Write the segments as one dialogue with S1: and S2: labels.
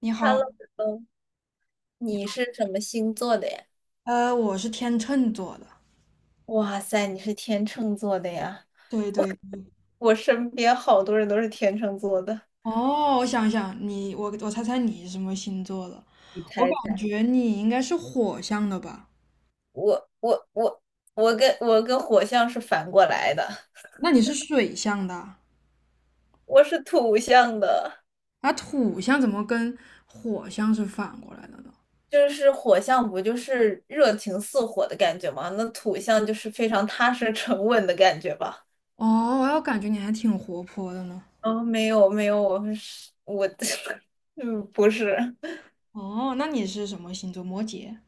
S1: 你好，
S2: Hello，嗯
S1: 你
S2: 你
S1: 好，
S2: 是什么星座的呀？
S1: 我是天秤座的，
S2: 哇塞，你是天秤座的呀！
S1: 对对。
S2: 我身边好多人都是天秤座的，
S1: 哦，我想想，我猜猜你是什么星座的？
S2: 你
S1: 我
S2: 猜一
S1: 感
S2: 猜？
S1: 觉你应该是火象的吧？
S2: 我我我我跟火象是反过来的，
S1: 那你是水象的啊，
S2: 我是土象的，
S1: 那土象怎么跟火象是反过来的呢？
S2: 就是火象不就是热情似火的感觉吗？那土象就是非常踏实沉稳的感觉吧？
S1: 哦，我感觉你还挺活泼的呢。
S2: 哦，没有没有，我是我，嗯，不是。
S1: 哦，那你是什么星座？摩羯？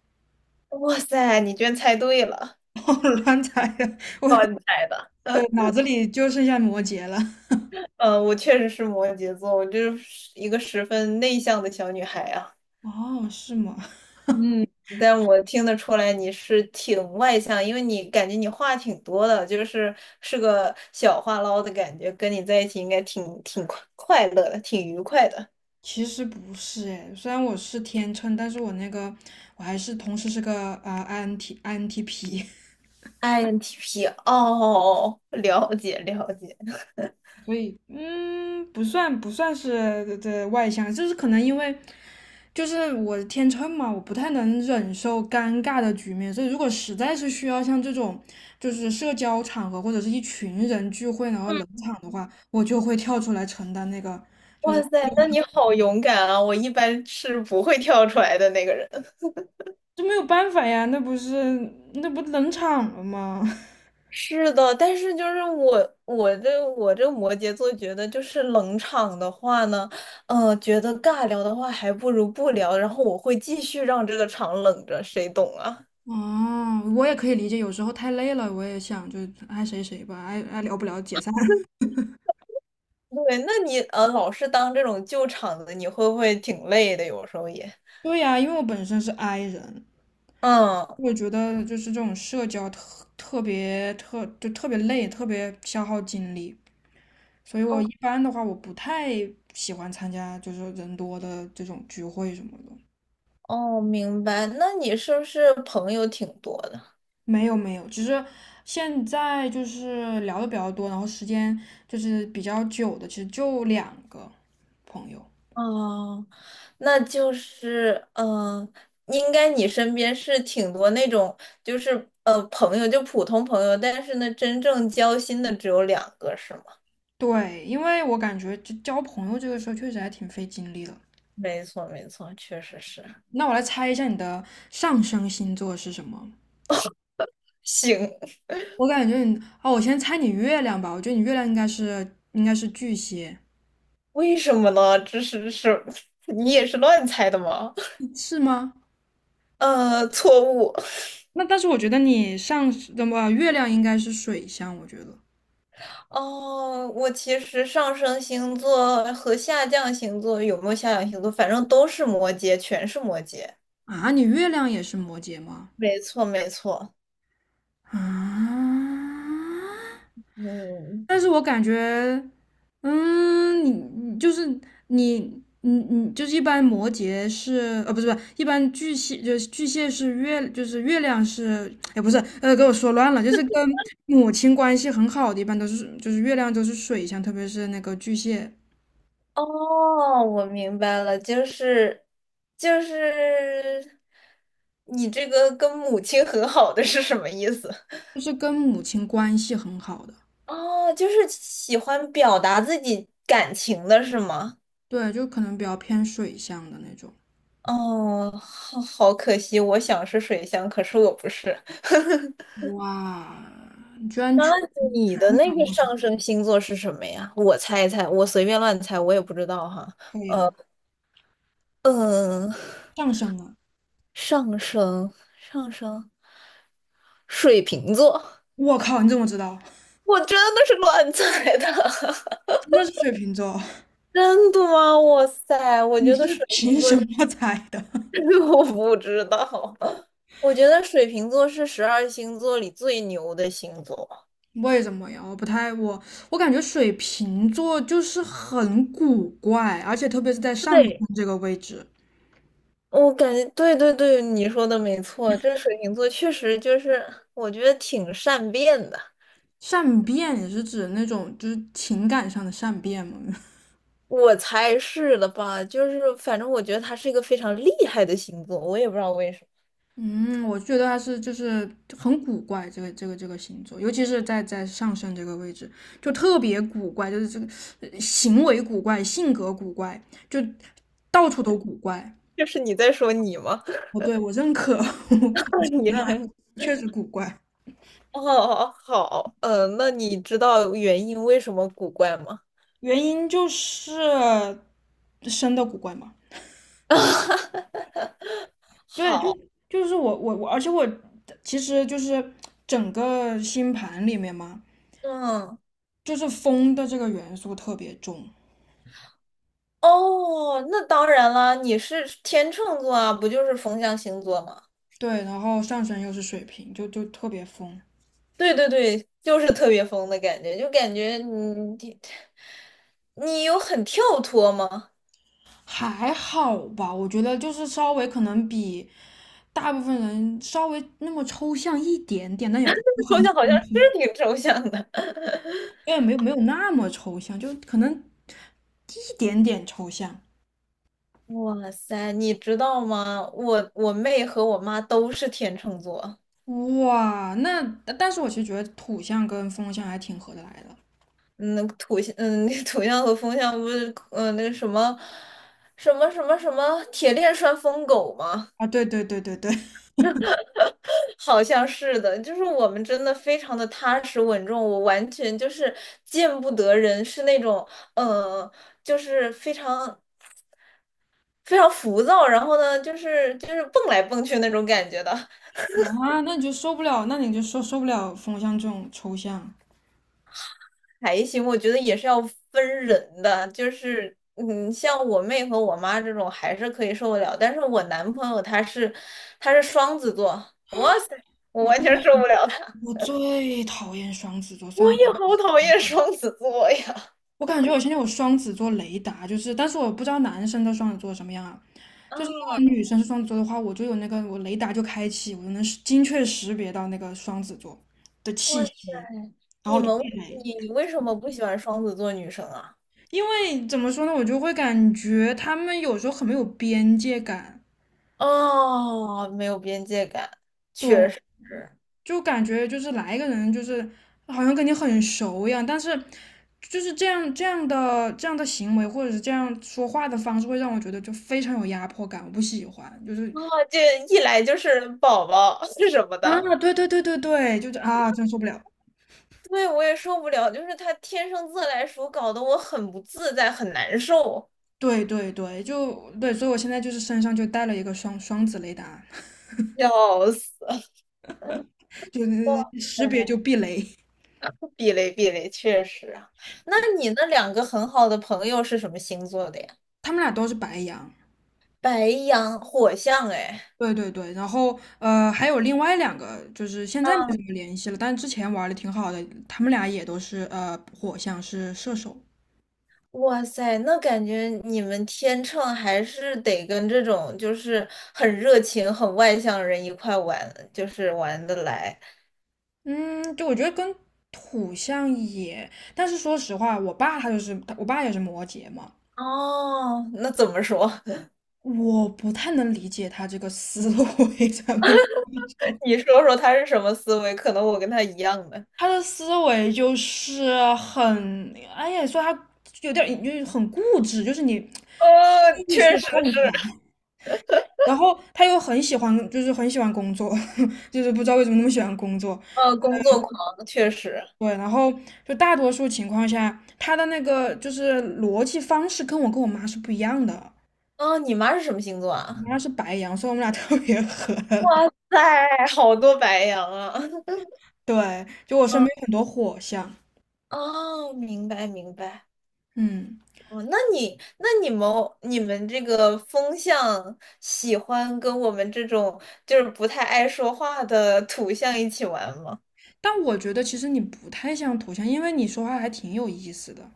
S2: 哇塞，你居然猜对了，
S1: 我乱猜的，我
S2: 靠你猜的。
S1: 的脑子里就剩下摩羯了。
S2: 嗯，我确实是摩羯座，我就是一个十分内向的小女孩啊。
S1: 哦，是吗？
S2: 嗯，但我听得出来你是挺外向，因为你感觉你话挺多的，就是是个小话唠的感觉，跟你在一起应该挺快乐的，挺愉快的。
S1: 其实不是哎，虽然我是天秤，但是我那个我还是同时是个INT INTP，
S2: INTP 哦，了解了解。
S1: 所以不算是的外向，就是可能因为就是我天秤嘛，我不太能忍受尴尬的局面，所以如果实在是需要像这种就是社交场合或者是一群人聚会然后冷场的话，我就会跳出来承担那个，
S2: 哇塞，那你好勇敢啊！我一般是不会跳出来的那个人。
S1: 这没有办法呀，那不冷场了吗？
S2: 是的，但是就是我这摩羯座觉得就是冷场的话呢，觉得尬聊的话还不如不聊，然后我会继续让这个场冷着，谁懂啊？
S1: 哦，我也可以理解，有时候太累了，我也想就爱谁谁吧，爱聊不聊解散。
S2: 对，那你老是当这种救场的，你会不会挺累的？有时候也，
S1: 对呀，因为我本身是 I 人，
S2: 嗯，
S1: 我觉得就是这种社交特别累，特别消耗精力，所以我
S2: 哦
S1: 一般的话我不太喜欢参加就是人多的这种聚会什么的。
S2: 哦，明白。那你是不是朋友挺多的？
S1: 没有没有，只是现在就是聊的比较多，然后时间就是比较久的，其实就两个朋友。
S2: 哦，那就是，应该你身边是挺多那种，就是朋友就普通朋友，但是呢，真正交心的只有两个，是吗？
S1: 对，因为我感觉就交朋友这个事儿确实还挺费精力的。
S2: 没错，没错，确实是
S1: 那我来猜一下你的上升星座是什么？
S2: 行，
S1: 我感觉你，哦，我先猜你月亮吧。我觉得你月亮应该是巨蟹，
S2: 为什么呢？这是是，你也是乱猜的吗？
S1: 嗯是吗？
S2: 错误。
S1: 那但是我觉得你上那么月亮应该是水象，我觉得
S2: 哦，我其实上升星座和下降星座有没有下降星座，反正都是摩羯，全是摩羯。
S1: 啊，你月亮也是摩羯吗？
S2: 没错，没错。
S1: 啊，
S2: 嗯，
S1: 但是我感觉你就是你你就是一般摩羯是不是一般巨蟹就是巨蟹是月就是月亮是哎不是给我说乱了，就是跟母亲关系很好的一般都是就是月亮都是水象，特别是那个巨蟹
S2: 哦，我明白了，就是就是你这个跟母亲和好的是什么意思？
S1: 就是跟母亲关系很好的。
S2: 哦，就是喜欢表达自己感情的是吗？
S1: 对，就可能比较偏水象的那种。
S2: 哦，好，好可惜，我想是水象，可是我不是。
S1: 哇，你居然
S2: 那
S1: 全
S2: 你的那个上升星座是什么呀？我猜一猜，我随便乱猜，我也不知道哈。
S1: 可以了，
S2: 嗯，
S1: 上升了，
S2: 上升，上升，水瓶座。
S1: 我靠你怎么知道
S2: 我真的是乱猜的，
S1: 那是水瓶座。
S2: 真的吗？哇塞，我
S1: 你
S2: 觉得
S1: 是
S2: 水瓶
S1: 凭
S2: 座
S1: 什么猜的？
S2: 是 我不知道，我觉得水瓶座是十二星座里最牛的星座。
S1: 为什么呀？我不太我我感觉水瓶座就是很古怪，而且特别是在上升
S2: 对，
S1: 这个位置，
S2: 我感觉对对对，你说的没错，这水瓶座确实就是我觉得挺善变的，
S1: 善变也是指那种就是情感上的善变嘛。
S2: 我猜是的吧？就是反正我觉得他是一个非常厉害的星座，我也不知道为什么。
S1: 嗯，我觉得他是就是很古怪，这个星座，尤其是在上升这个位置，就特别古怪，就是这个行为古怪，性格古怪，就到处都古怪。
S2: 这是你在说你吗？
S1: 哦，对，我认可，我承
S2: 你
S1: 认，
S2: 是
S1: 确实古怪。
S2: 哦，好，嗯，那你知道原因为什么古怪吗？
S1: 原因就是生的古怪嘛。对，就
S2: 好，
S1: 就是我，而且我其实就是整个星盘里面嘛，
S2: 嗯，
S1: 就是风的这个元素特别重。
S2: 哦，那当然了，你是天秤座啊，不就是风象星座吗？
S1: 对，然后上升又是水瓶，就特别疯，
S2: 对对对，就是特别疯的感觉，就感觉你你有很跳脱吗？
S1: 还好吧？我觉得就是稍微可能比大部分人稍微那么抽象一点点，但也不是 很，
S2: 抽象好像是挺抽象的。
S1: 因为没有没有那么抽象，就可能一点点抽象。
S2: 哇塞，你知道吗？我妹和我妈都是天秤座。
S1: 哇，那但是我其实觉得土象跟风象还挺合得来的
S2: 嗯，土象，嗯，那土象和风象不是，嗯，那个什么，什么铁链拴疯狗吗？
S1: 啊，对对对对对，
S2: 好像是的，就是我们真的非常的踏实稳重，我完全就是见不得人，是那种，嗯，就是非常非常浮躁，然后呢，就是蹦来蹦去那种感觉的。
S1: 啊，那你就受不了，那你就受不了风象这种抽象。
S2: 还行，我觉得也是要分人的，就是嗯，像我妹和我妈这种还是可以受得了，但是我男朋友他是双子座，我完全
S1: 我
S2: 受不了他，
S1: 我最讨厌双子座，虽
S2: 我
S1: 然
S2: 也好讨厌双子座呀。
S1: 我感觉我现在有双子座雷达，就是，但是我不知道男生的双子座什么样啊。就是
S2: 啊，
S1: 如果女生是双子座的话，我就有那个我雷达就开启，我就能识精确识别到那个双子座的气
S2: 我
S1: 息，然后
S2: 你
S1: 我就
S2: 们为
S1: 避雷。
S2: 你你为什么不喜欢双子座女生啊？
S1: 因为怎么说呢，我就会感觉他们有时候很没有边界感，
S2: 哦，没有边界感，
S1: 对，
S2: 确实。
S1: 就感觉就是来一个人就是好像跟你很熟一样，但是就是这样的行为或者是这样说话的方式，会让我觉得就非常有压迫感，我不喜欢，就是
S2: 哦，这一来就是宝宝 是什么
S1: 啊，
S2: 的，
S1: 对对对对对，就是啊，真受不了。
S2: 对，我也受不了，就是他天生自来熟，搞得我很不自在，很难受，
S1: 对对对，就对，所以我现在就是身上就带了一个双子雷达，
S2: 笑死。
S1: 就是识别就
S2: 哎，
S1: 避雷。
S2: 避雷避雷，确实啊。那你那两个很好的朋友是什么星座的呀？
S1: 他们俩都是白羊，
S2: 白羊、火象，哎，
S1: 对对对，然后还有另外两个，就是现在没
S2: 啊，
S1: 什么联系了，但之前玩的挺好的，他们俩也都是火象是射手，
S2: 哇塞，那感觉你们天秤还是得跟这种就是很热情、很外向的人一块玩，就是玩得来。
S1: 嗯，就我觉得跟土象也，但是说实话，我爸也是摩羯嘛，
S2: 哦，那怎么说？
S1: 我不太能理解他这个思维，咱们
S2: 你说说他是什么思维？可能我跟他一样的。
S1: 他的思维就是很，哎呀，说他有点儿就是很固执，就是你
S2: 哦，
S1: 轻易
S2: 确
S1: 说
S2: 实，
S1: 不动他。然后他又很喜欢，就是很喜欢工作，就是不知道为什么那么喜欢工作。
S2: 工作狂，确实。
S1: 对，然后就大多数情况下，他的那个就是逻辑方式跟我妈是不一样的。
S2: 哦，你妈是什么星座
S1: 我
S2: 啊？
S1: 妈是白羊，所以我们俩 特别合。
S2: 哎，好多白羊啊。
S1: 对，就我 身
S2: 嗯，
S1: 边有很多火象，
S2: 哦，明白明白。
S1: 嗯，
S2: 哦，那你们你们这个风象喜欢跟我们这种就是不太爱说话的土象一起玩吗？
S1: 但我觉得其实你不太像土象，因为你说话还挺有意思的。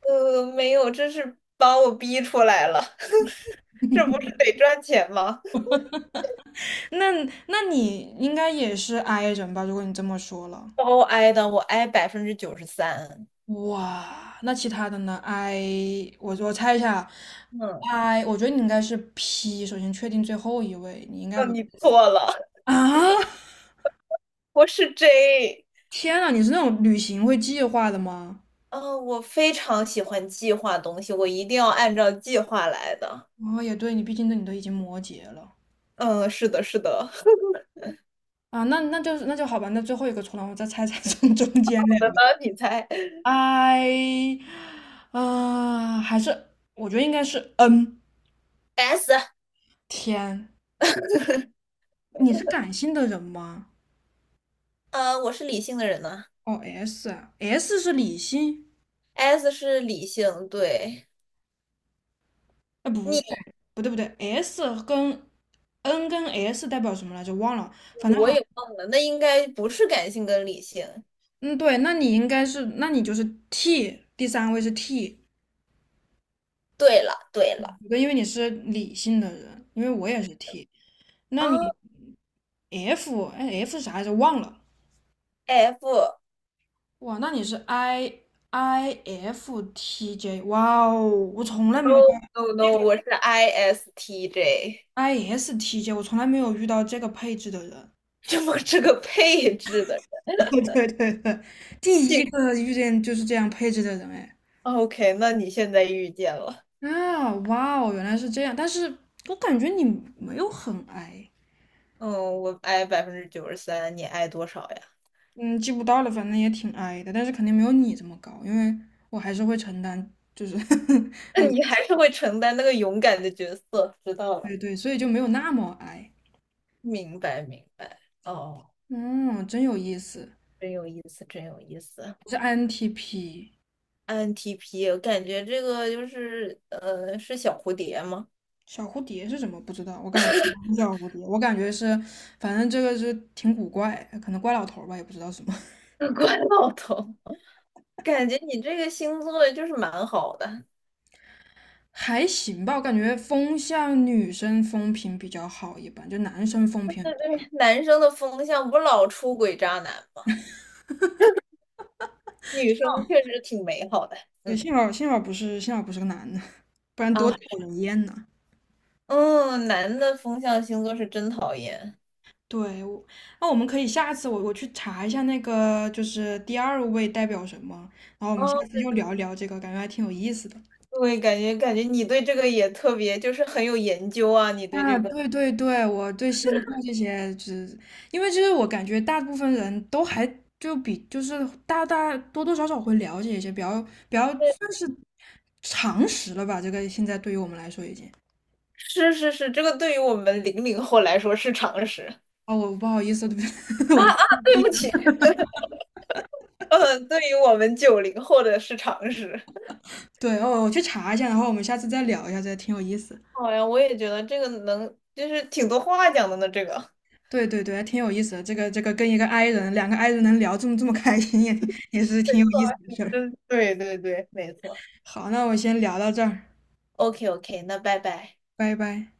S2: 没有，这是把我逼出来了，这不是得赚钱吗？
S1: 那那你应该也是 I 人吧？如果你这么说了，
S2: 包挨的，我挨百分之九十三。
S1: 哇，那其他的呢？I，我猜一下啊
S2: 嗯，
S1: ，I，我觉得你应该是 P，首先确定最后一位，你应该
S2: 那
S1: 不是
S2: 你错了，
S1: 啊？
S2: 我是 J。
S1: 天呐，你是那种旅行会计划的吗？
S2: 嗯，我非常喜欢计划东西，我一定要按照计划来的。
S1: 哦，也对，你都已经摩羯了
S2: 嗯，是的，是的。
S1: 啊，那那就是那就好吧，那最后一个出来，我再猜猜中 中间两个
S2: 你猜
S1: ，I，啊、还是我觉得应该是 N。
S2: S？
S1: 天，你是感性的人吗？
S2: 我是理性的人呢、
S1: 哦S，S 是理性。
S2: S 是理性，对。
S1: 哎，不对，
S2: 你
S1: 不对，不对，S 跟 N 跟 S 代表什么来着？忘了，反正
S2: 我
S1: 好，
S2: 也忘了，那应该不是感性跟理性。
S1: 嗯，对，那你应该是，那你就是 T，第三位是 T，
S2: 对了，对了。
S1: 对因为你是理性的人，因为我也是 T，
S2: 啊
S1: 那你 F，哎，F 是啥来着？忘了，
S2: ，F？
S1: 哇，那你是 I I F T J，哇哦，我从来
S2: n
S1: 没
S2: o
S1: 遇到
S2: n o no，我是 ISTJ，
S1: I S T J，我从来没有遇到这个配置的人，
S2: 这么这个配置的人
S1: 对对对，第一
S2: 性。
S1: 个遇见就是这样配置的人，哎。
S2: OK，那你现在遇见了。
S1: 啊，哇哦，原来是这样，但是我感觉你没有很矮，
S2: 嗯，我 I 百分之九十三，你 I 多少呀？
S1: 嗯，记不到了，反正也挺矮的，但是肯定没有你这么高，因为我还是会承担，就是
S2: 那你还是会承担那个勇敢的角色，知道了，
S1: 对对，所以就没有那么矮。
S2: 明白明白。哦，
S1: 嗯，真有意思，
S2: 真有意思，真有意思。
S1: 我是 INTP。
S2: INTP，我感觉这个就是是小蝴蝶吗？
S1: 小蝴蝶是什么？不知道，我感觉不是小蝴蝶，我感觉是，反正这个是挺古怪，可能怪老头儿吧，也不知道什么，
S2: 关老头，感觉你这个星座就是蛮好的。
S1: 还行吧。我感觉风向女生风评比较好，一般就男生风评
S2: 男生的风向不老出轨渣男吗，女生确实挺美好的。
S1: 也
S2: 嗯
S1: 幸好不是个男的，不然多
S2: 啊，
S1: 讨人厌呐。
S2: 嗯，男的风象星座是真讨厌。
S1: 对，那我们可以下次我去查一下那个就是第二位代表什么，然后我们下
S2: 哦，
S1: 次
S2: 对
S1: 又
S2: 对，
S1: 聊一聊这个，感觉还挺有意思的。
S2: 对感觉你对这个也特别，就是很有研究啊，你对
S1: 啊，
S2: 这个。
S1: 对对对，我对星座这些，就是因为就是我感觉大部分人都还就是大多少少会了解一些，比较算是常识了吧。这个现在对于我们来说已经，
S2: 是是是，这个对于我们00后来说是常识，
S1: 哦，我不好意思，
S2: 啊
S1: 我的
S2: 啊，对不起，嗯，对于我们90后的是常识。
S1: 对哦，我去查一下，然后我们下次再聊一下，这挺有意思。
S2: 好呀，我也觉得这个能，就是挺多话讲的呢。这个，
S1: 对对对，还挺有意思的。这个跟一个 i 人，两个 i 人能聊这么开心，也是挺有意思的事儿。
S2: 嗯，对对对，没错。
S1: 好，那我先聊到这儿，
S2: OK OK，那拜拜。
S1: 拜拜。